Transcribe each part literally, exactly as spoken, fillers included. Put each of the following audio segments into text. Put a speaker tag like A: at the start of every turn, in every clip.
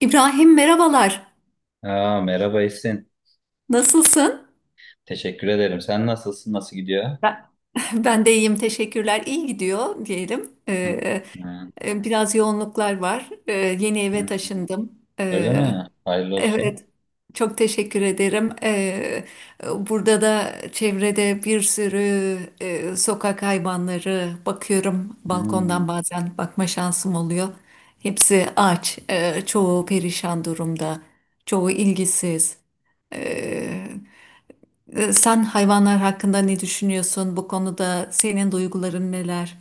A: İbrahim merhabalar.
B: Aa, merhaba Esin.
A: Nasılsın?
B: Teşekkür ederim. Sen nasılsın? Nasıl gidiyor?
A: Ben- Ben de iyiyim, teşekkürler. İyi gidiyor diyelim.
B: Hı,
A: Ee,
B: hı,
A: e, biraz yoğunluklar var. Ee, yeni
B: hı.
A: eve taşındım.
B: Öyle
A: Ee,
B: mi? Hayırlı olsun.
A: evet, çok teşekkür ederim. Ee, burada da çevrede bir sürü e, sokak hayvanları bakıyorum.
B: Hı.
A: Balkondan bazen bakma şansım oluyor. Hepsi aç, e, çoğu perişan durumda, çoğu ilgisiz. Ee, Ee, Sen hayvanlar hakkında ne düşünüyorsun? Bu konuda senin duyguların neler?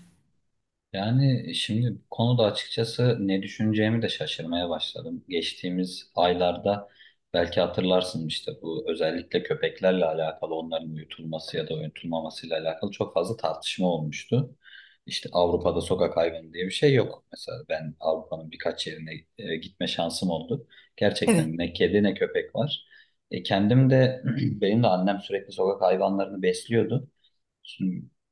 B: Yani şimdi bu konuda açıkçası ne düşüneceğimi de şaşırmaya başladım. Geçtiğimiz aylarda belki hatırlarsın işte bu özellikle köpeklerle alakalı onların uyutulması ya da uyutulmamasıyla alakalı çok fazla tartışma olmuştu. İşte Avrupa'da sokak hayvanı diye bir şey yok. Mesela ben Avrupa'nın birkaç yerine e, gitme şansım oldu.
A: Evet,
B: Gerçekten ne kedi ne köpek var. E, kendim de benim de annem sürekli sokak hayvanlarını besliyordu.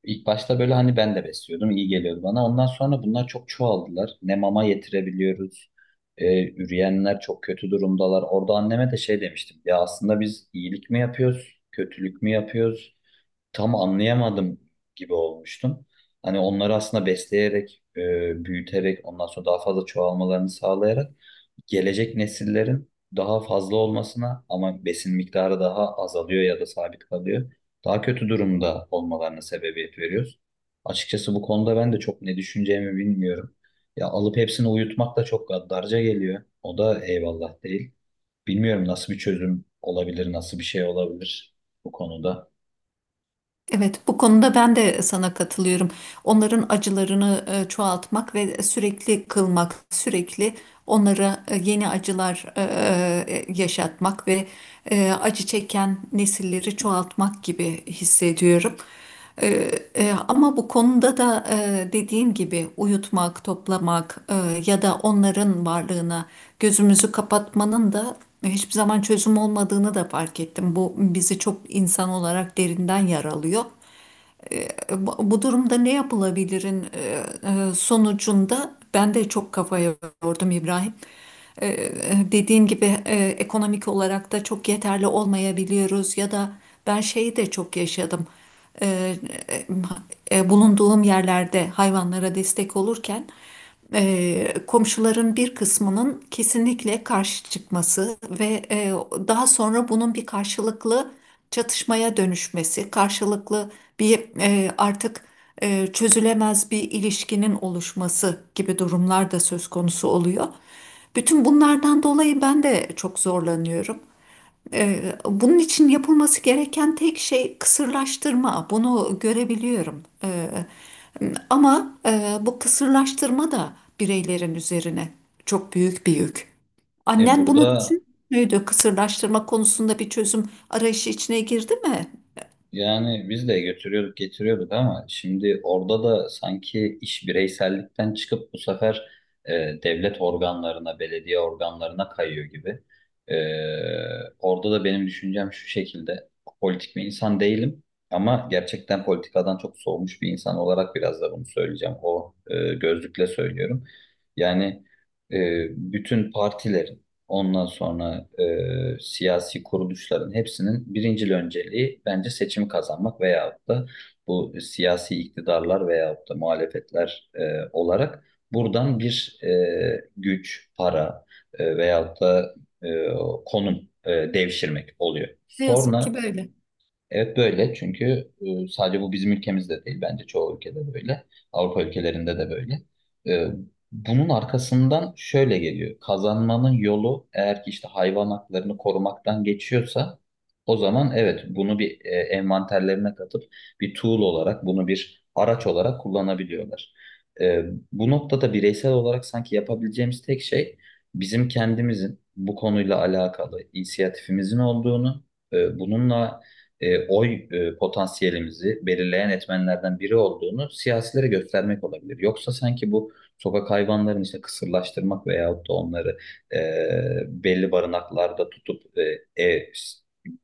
B: İlk başta böyle hani ben de besliyordum, iyi geliyordu bana. Ondan sonra bunlar çok çoğaldılar. Ne mama yetirebiliyoruz, e, üreyenler çok kötü durumdalar. Orada anneme de şey demiştim, ya aslında biz iyilik mi yapıyoruz, kötülük mü yapıyoruz? Tam anlayamadım gibi olmuştum. Hani onları aslında besleyerek, e, büyüterek, ondan sonra daha fazla çoğalmalarını sağlayarak gelecek nesillerin daha fazla olmasına ama besin miktarı daha azalıyor ya da sabit kalıyor. Daha kötü durumda olmalarına sebebiyet veriyoruz. Açıkçası bu konuda ben de çok ne düşüneceğimi bilmiyorum. Ya alıp hepsini uyutmak da çok gaddarca geliyor. O da eyvallah değil. Bilmiyorum nasıl bir çözüm olabilir, nasıl bir şey olabilir bu konuda.
A: evet. Bu konuda ben de sana katılıyorum. Onların acılarını e, çoğaltmak ve sürekli kılmak, sürekli onlara e, yeni acılar e, e, yaşatmak ve e, acı çeken nesilleri çoğaltmak gibi hissediyorum. Ee, e, ama bu konuda da e, dediğin gibi uyutmak, toplamak e, ya da onların varlığına gözümüzü kapatmanın da hiçbir zaman çözüm olmadığını da fark ettim. Bu bizi çok insan olarak derinden yaralıyor. e, bu bu durumda ne yapılabilirin e, e, sonucunda ben de çok kafaya yordum İbrahim. E, e, Dediğin gibi e, ekonomik olarak da çok yeterli olmayabiliyoruz ya da ben şeyi de çok yaşadım. E, e, e, Bulunduğum yerlerde hayvanlara destek olurken e, komşuların bir kısmının kesinlikle karşı çıkması ve e, daha sonra bunun bir karşılıklı çatışmaya dönüşmesi, karşılıklı bir e, artık e, çözülemez bir ilişkinin oluşması gibi durumlar da söz konusu oluyor. Bütün bunlardan dolayı ben de çok zorlanıyorum. Ee, Bunun için yapılması gereken tek şey kısırlaştırma. Bunu görebiliyorum. Ee, Ama e, bu kısırlaştırma da bireylerin üzerine çok büyük bir yük.
B: E
A: Annen bunu
B: burada
A: düşünmüyordu. Kısırlaştırma konusunda bir çözüm arayışı içine girdi mi?
B: Yani biz de götürüyorduk, getiriyorduk ama şimdi orada da sanki iş bireysellikten çıkıp bu sefer e, devlet organlarına, belediye organlarına kayıyor gibi. E, Orada da benim düşüncem şu şekilde. Politik bir insan değilim ama gerçekten politikadan çok soğumuş bir insan olarak biraz da bunu söyleyeceğim. O e, gözlükle söylüyorum. Yani e, bütün partilerin, ondan sonra e, siyasi kuruluşların hepsinin birincil önceliği bence seçimi kazanmak veyahut da bu siyasi iktidarlar veyahut da muhalefetler e, olarak buradan bir e, güç, para, e, veyahut da e, konum e, devşirmek oluyor.
A: Ne yazık
B: Sonra
A: ki böyle.
B: Evet, böyle, çünkü e, sadece bu bizim ülkemizde değil, bence çoğu ülkede böyle. Avrupa ülkelerinde de böyle. E, Bunun arkasından şöyle geliyor. Kazanmanın yolu eğer ki işte hayvan haklarını korumaktan geçiyorsa, o zaman evet, bunu bir e, envanterlerine katıp bir tool olarak, bunu bir araç olarak kullanabiliyorlar. E, Bu noktada bireysel olarak sanki yapabileceğimiz tek şey, bizim kendimizin bu konuyla alakalı inisiyatifimizin olduğunu, e, bununla e, oy e, potansiyelimizi belirleyen etmenlerden biri olduğunu siyasilere göstermek olabilir. Yoksa sanki bu sokak hayvanlarını işte kısırlaştırmak veyahut da onları e, belli barınaklarda tutup e, ev,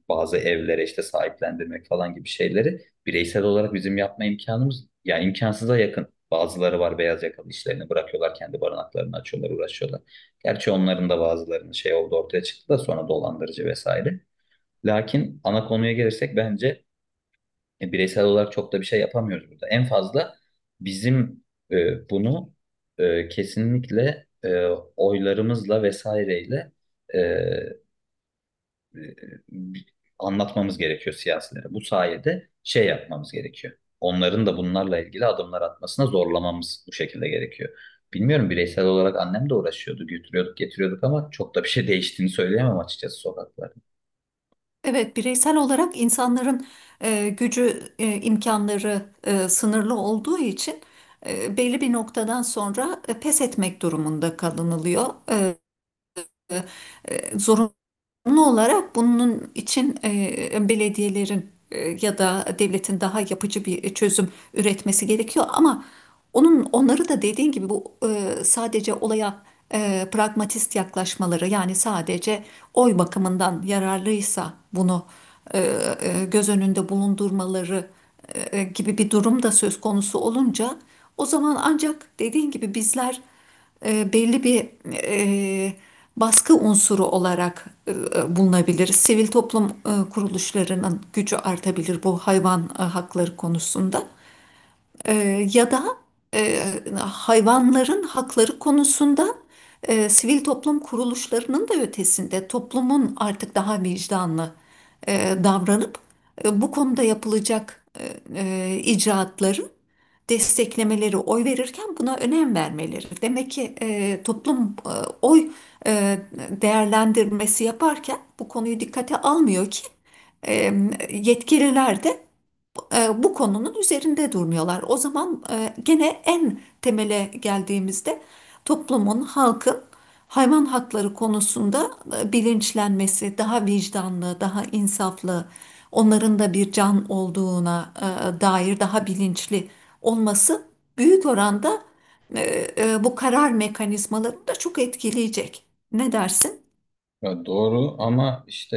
B: bazı evlere işte sahiplendirmek falan gibi şeyleri bireysel olarak bizim yapma imkanımız, yani imkansıza yakın. Bazıları var, beyaz yakalı işlerini bırakıyorlar, kendi barınaklarını açıyorlar, uğraşıyorlar. Gerçi onların da bazılarının şey oldu, ortaya çıktı da sonra dolandırıcı vesaire. Lakin ana konuya gelirsek, bence e, bireysel olarak çok da bir şey yapamıyoruz burada. En fazla bizim e, bunu e, kesinlikle e, oylarımızla vesaireyle e, e, bi- anlatmamız gerekiyor siyasilere. Bu sayede şey yapmamız gerekiyor. Onların da bunlarla ilgili adımlar atmasına zorlamamız bu şekilde gerekiyor. Bilmiyorum, bireysel olarak annem de uğraşıyordu, götürüyorduk, getiriyorduk ama çok da bir şey değiştiğini söyleyemem açıkçası sokaklarda.
A: Evet, bireysel olarak insanların e, gücü, e, imkanları e, sınırlı olduğu için e, belli bir noktadan sonra e, pes etmek durumunda kalınılıyor. E, e, zorunlu olarak bunun için e, belediyelerin e, ya da devletin daha yapıcı bir çözüm üretmesi gerekiyor ama onun onları da dediğin gibi bu e, sadece olaya e, pragmatist yaklaşmaları yani sadece oy bakımından yararlıysa bunu e, e, göz önünde bulundurmaları e, gibi bir durum da söz konusu olunca o zaman ancak dediğin gibi bizler e, belli bir e, baskı unsuru olarak e, bulunabilir. Sivil toplum e, kuruluşlarının gücü artabilir bu hayvan e, hakları konusunda. E, Ya da e, hayvanların hakları konusunda e, sivil toplum kuruluşlarının da ötesinde toplumun artık daha vicdanlı e, davranıp e, bu konuda yapılacak e, e, icraatları desteklemeleri, oy verirken buna önem vermeleri. Demek ki e, toplum e, oy e, değerlendirmesi yaparken bu konuyu dikkate almıyor ki e, yetkililer de e, bu konunun üzerinde durmuyorlar. O zaman e, gene en temele geldiğimizde toplumun, halkın hayvan hakları konusunda e, bilinçlenmesi, daha vicdanlı, daha insaflı, onların da bir can olduğuna e, dair daha bilinçli olması büyük oranda e, e, bu karar mekanizmalarını da çok etkileyecek. Ne dersin?
B: Ya, doğru ama işte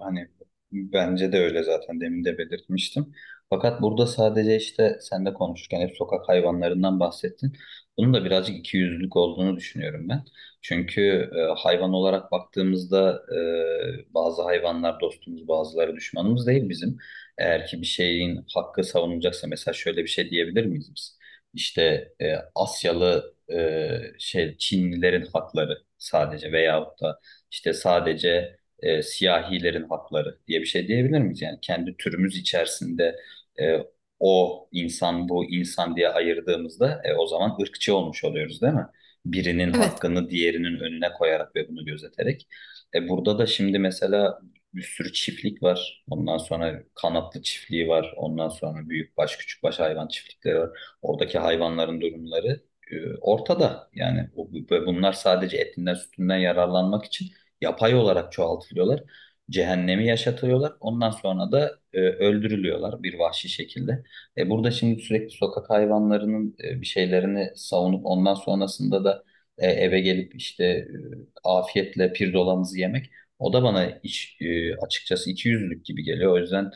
B: e, hani bence de öyle, zaten demin de belirtmiştim. Fakat burada sadece işte sen de konuşurken hep sokak hayvanlarından bahsettin. Bunun da birazcık ikiyüzlülük olduğunu düşünüyorum ben. Çünkü e, hayvan olarak baktığımızda e, bazı hayvanlar dostumuz, bazıları düşmanımız değil bizim. Eğer ki bir şeyin hakkı savunulacaksa, mesela şöyle bir şey diyebilir miyiz biz? İşte e, Asyalı e, şey Çinlilerin hakları sadece, veyahut da işte sadece e, siyahilerin hakları diye bir şey diyebilir miyiz? Yani kendi türümüz içerisinde e, o insan bu insan diye ayırdığımızda e, o zaman ırkçı olmuş oluyoruz, değil mi? Birinin
A: Evet.
B: hakkını diğerinin önüne koyarak ve bunu gözeterek. E, burada da şimdi mesela bir sürü çiftlik var. Ondan sonra kanatlı çiftliği var. Ondan sonra büyükbaş, küçükbaş hayvan çiftlikleri var. Oradaki hayvanların durumları e, ortada. Yani bu- bu- bunlar sadece etinden sütünden yararlanmak için yapay olarak çoğaltılıyorlar. Cehennemi yaşatıyorlar. Ondan sonra da e, öldürülüyorlar bir vahşi şekilde. E, burada şimdi sürekli sokak hayvanlarının e, bir şeylerini savunup ondan sonrasında da e, eve gelip işte e, afiyetle pirzolamızı yemek, o da bana iç, e, açıkçası ikiyüzlülük gibi geliyor. O yüzden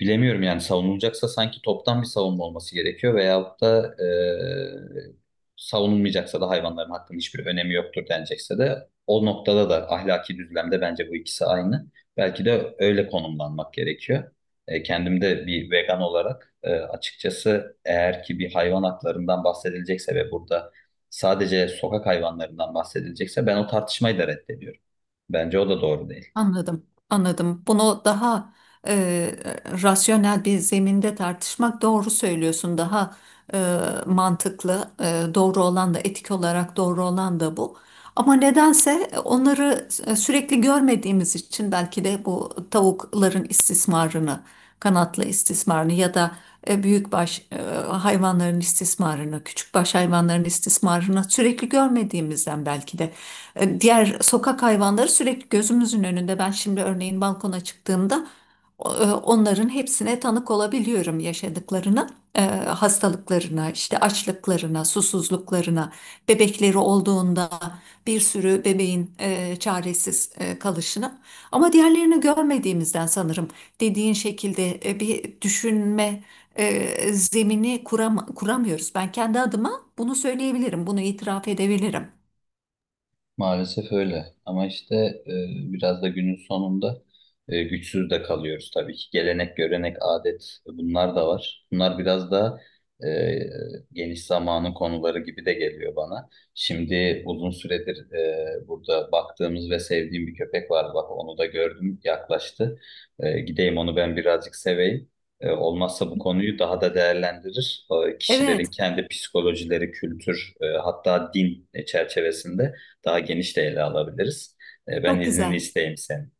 B: bilemiyorum, yani savunulacaksa sanki toptan bir savunma olması gerekiyor, veyahut da e, savunulmayacaksa da hayvanların hakkının hiçbir önemi yoktur denecekse de, o noktada da ahlaki düzlemde bence bu ikisi aynı. Belki de öyle konumlanmak gerekiyor. E, kendim de bir vegan olarak e, açıkçası eğer ki bir hayvan haklarından bahsedilecekse ve burada sadece sokak hayvanlarından bahsedilecekse, ben o tartışmayı da reddediyorum. Bence o da doğru değil.
A: Anladım, anladım. Bunu daha e, rasyonel bir zeminde tartışmak doğru söylüyorsun. Daha e, mantıklı, e, doğru olan da etik olarak doğru olan da bu. Ama nedense e, onları e, sürekli görmediğimiz için belki de bu tavukların istismarını, kanatlı istismarını ya da e, büyükbaş e, hayvanların istismarını, küçükbaş hayvanların istismarını sürekli görmediğimizden belki de. E, Diğer sokak hayvanları sürekli gözümüzün önünde. Ben şimdi örneğin balkona çıktığımda o- e, onların hepsine tanık olabiliyorum yaşadıklarına, e, hastalıklarına, işte açlıklarına, susuzluklarına, bebekleri olduğunda bir sürü bebeğin e, çaresiz e, kalışına. Ama diğerlerini görmediğimizden sanırım dediğin şekilde e, bir düşünme e, zemini kuram kuramıyoruz. Ben kendi adıma bunu söyleyebilirim, bunu itiraf edebilirim.
B: Maalesef öyle. Ama işte e, biraz da günün sonunda e, güçsüz de kalıyoruz tabii ki. Gelenek, görenek, adet, bunlar da var. Bunlar biraz da e, geniş zamanın konuları gibi de geliyor bana. Şimdi uzun süredir e, burada baktığımız ve sevdiğim bir köpek var. Bak, onu da gördüm, yaklaştı. E, gideyim, onu ben birazcık seveyim. E, olmazsa bu konuyu daha da değerlendirir. E, kişilerin
A: Evet,
B: kendi psikolojileri, kültür, e, hatta din çerçevesinde daha geniş de ele alabiliriz. E, ben
A: çok
B: iznini
A: güzel.
B: isteyeyim senin.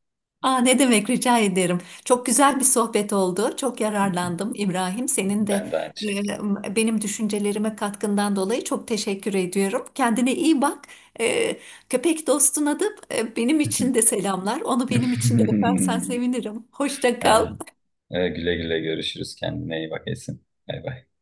A: Aa, ne demek rica ederim. Çok güzel bir sohbet oldu. Çok yararlandım İbrahim. Senin de
B: Ben de aynı şekilde.
A: e, benim düşüncelerime katkından dolayı çok teşekkür ediyorum. Kendine iyi bak. E, Köpek dostuna da e, benim için de selamlar. Onu benim için de öpersen sevinirim. Hoşça kal.
B: Ha, e, güle güle, görüşürüz. Kendine iyi bak Esin. Bay bay.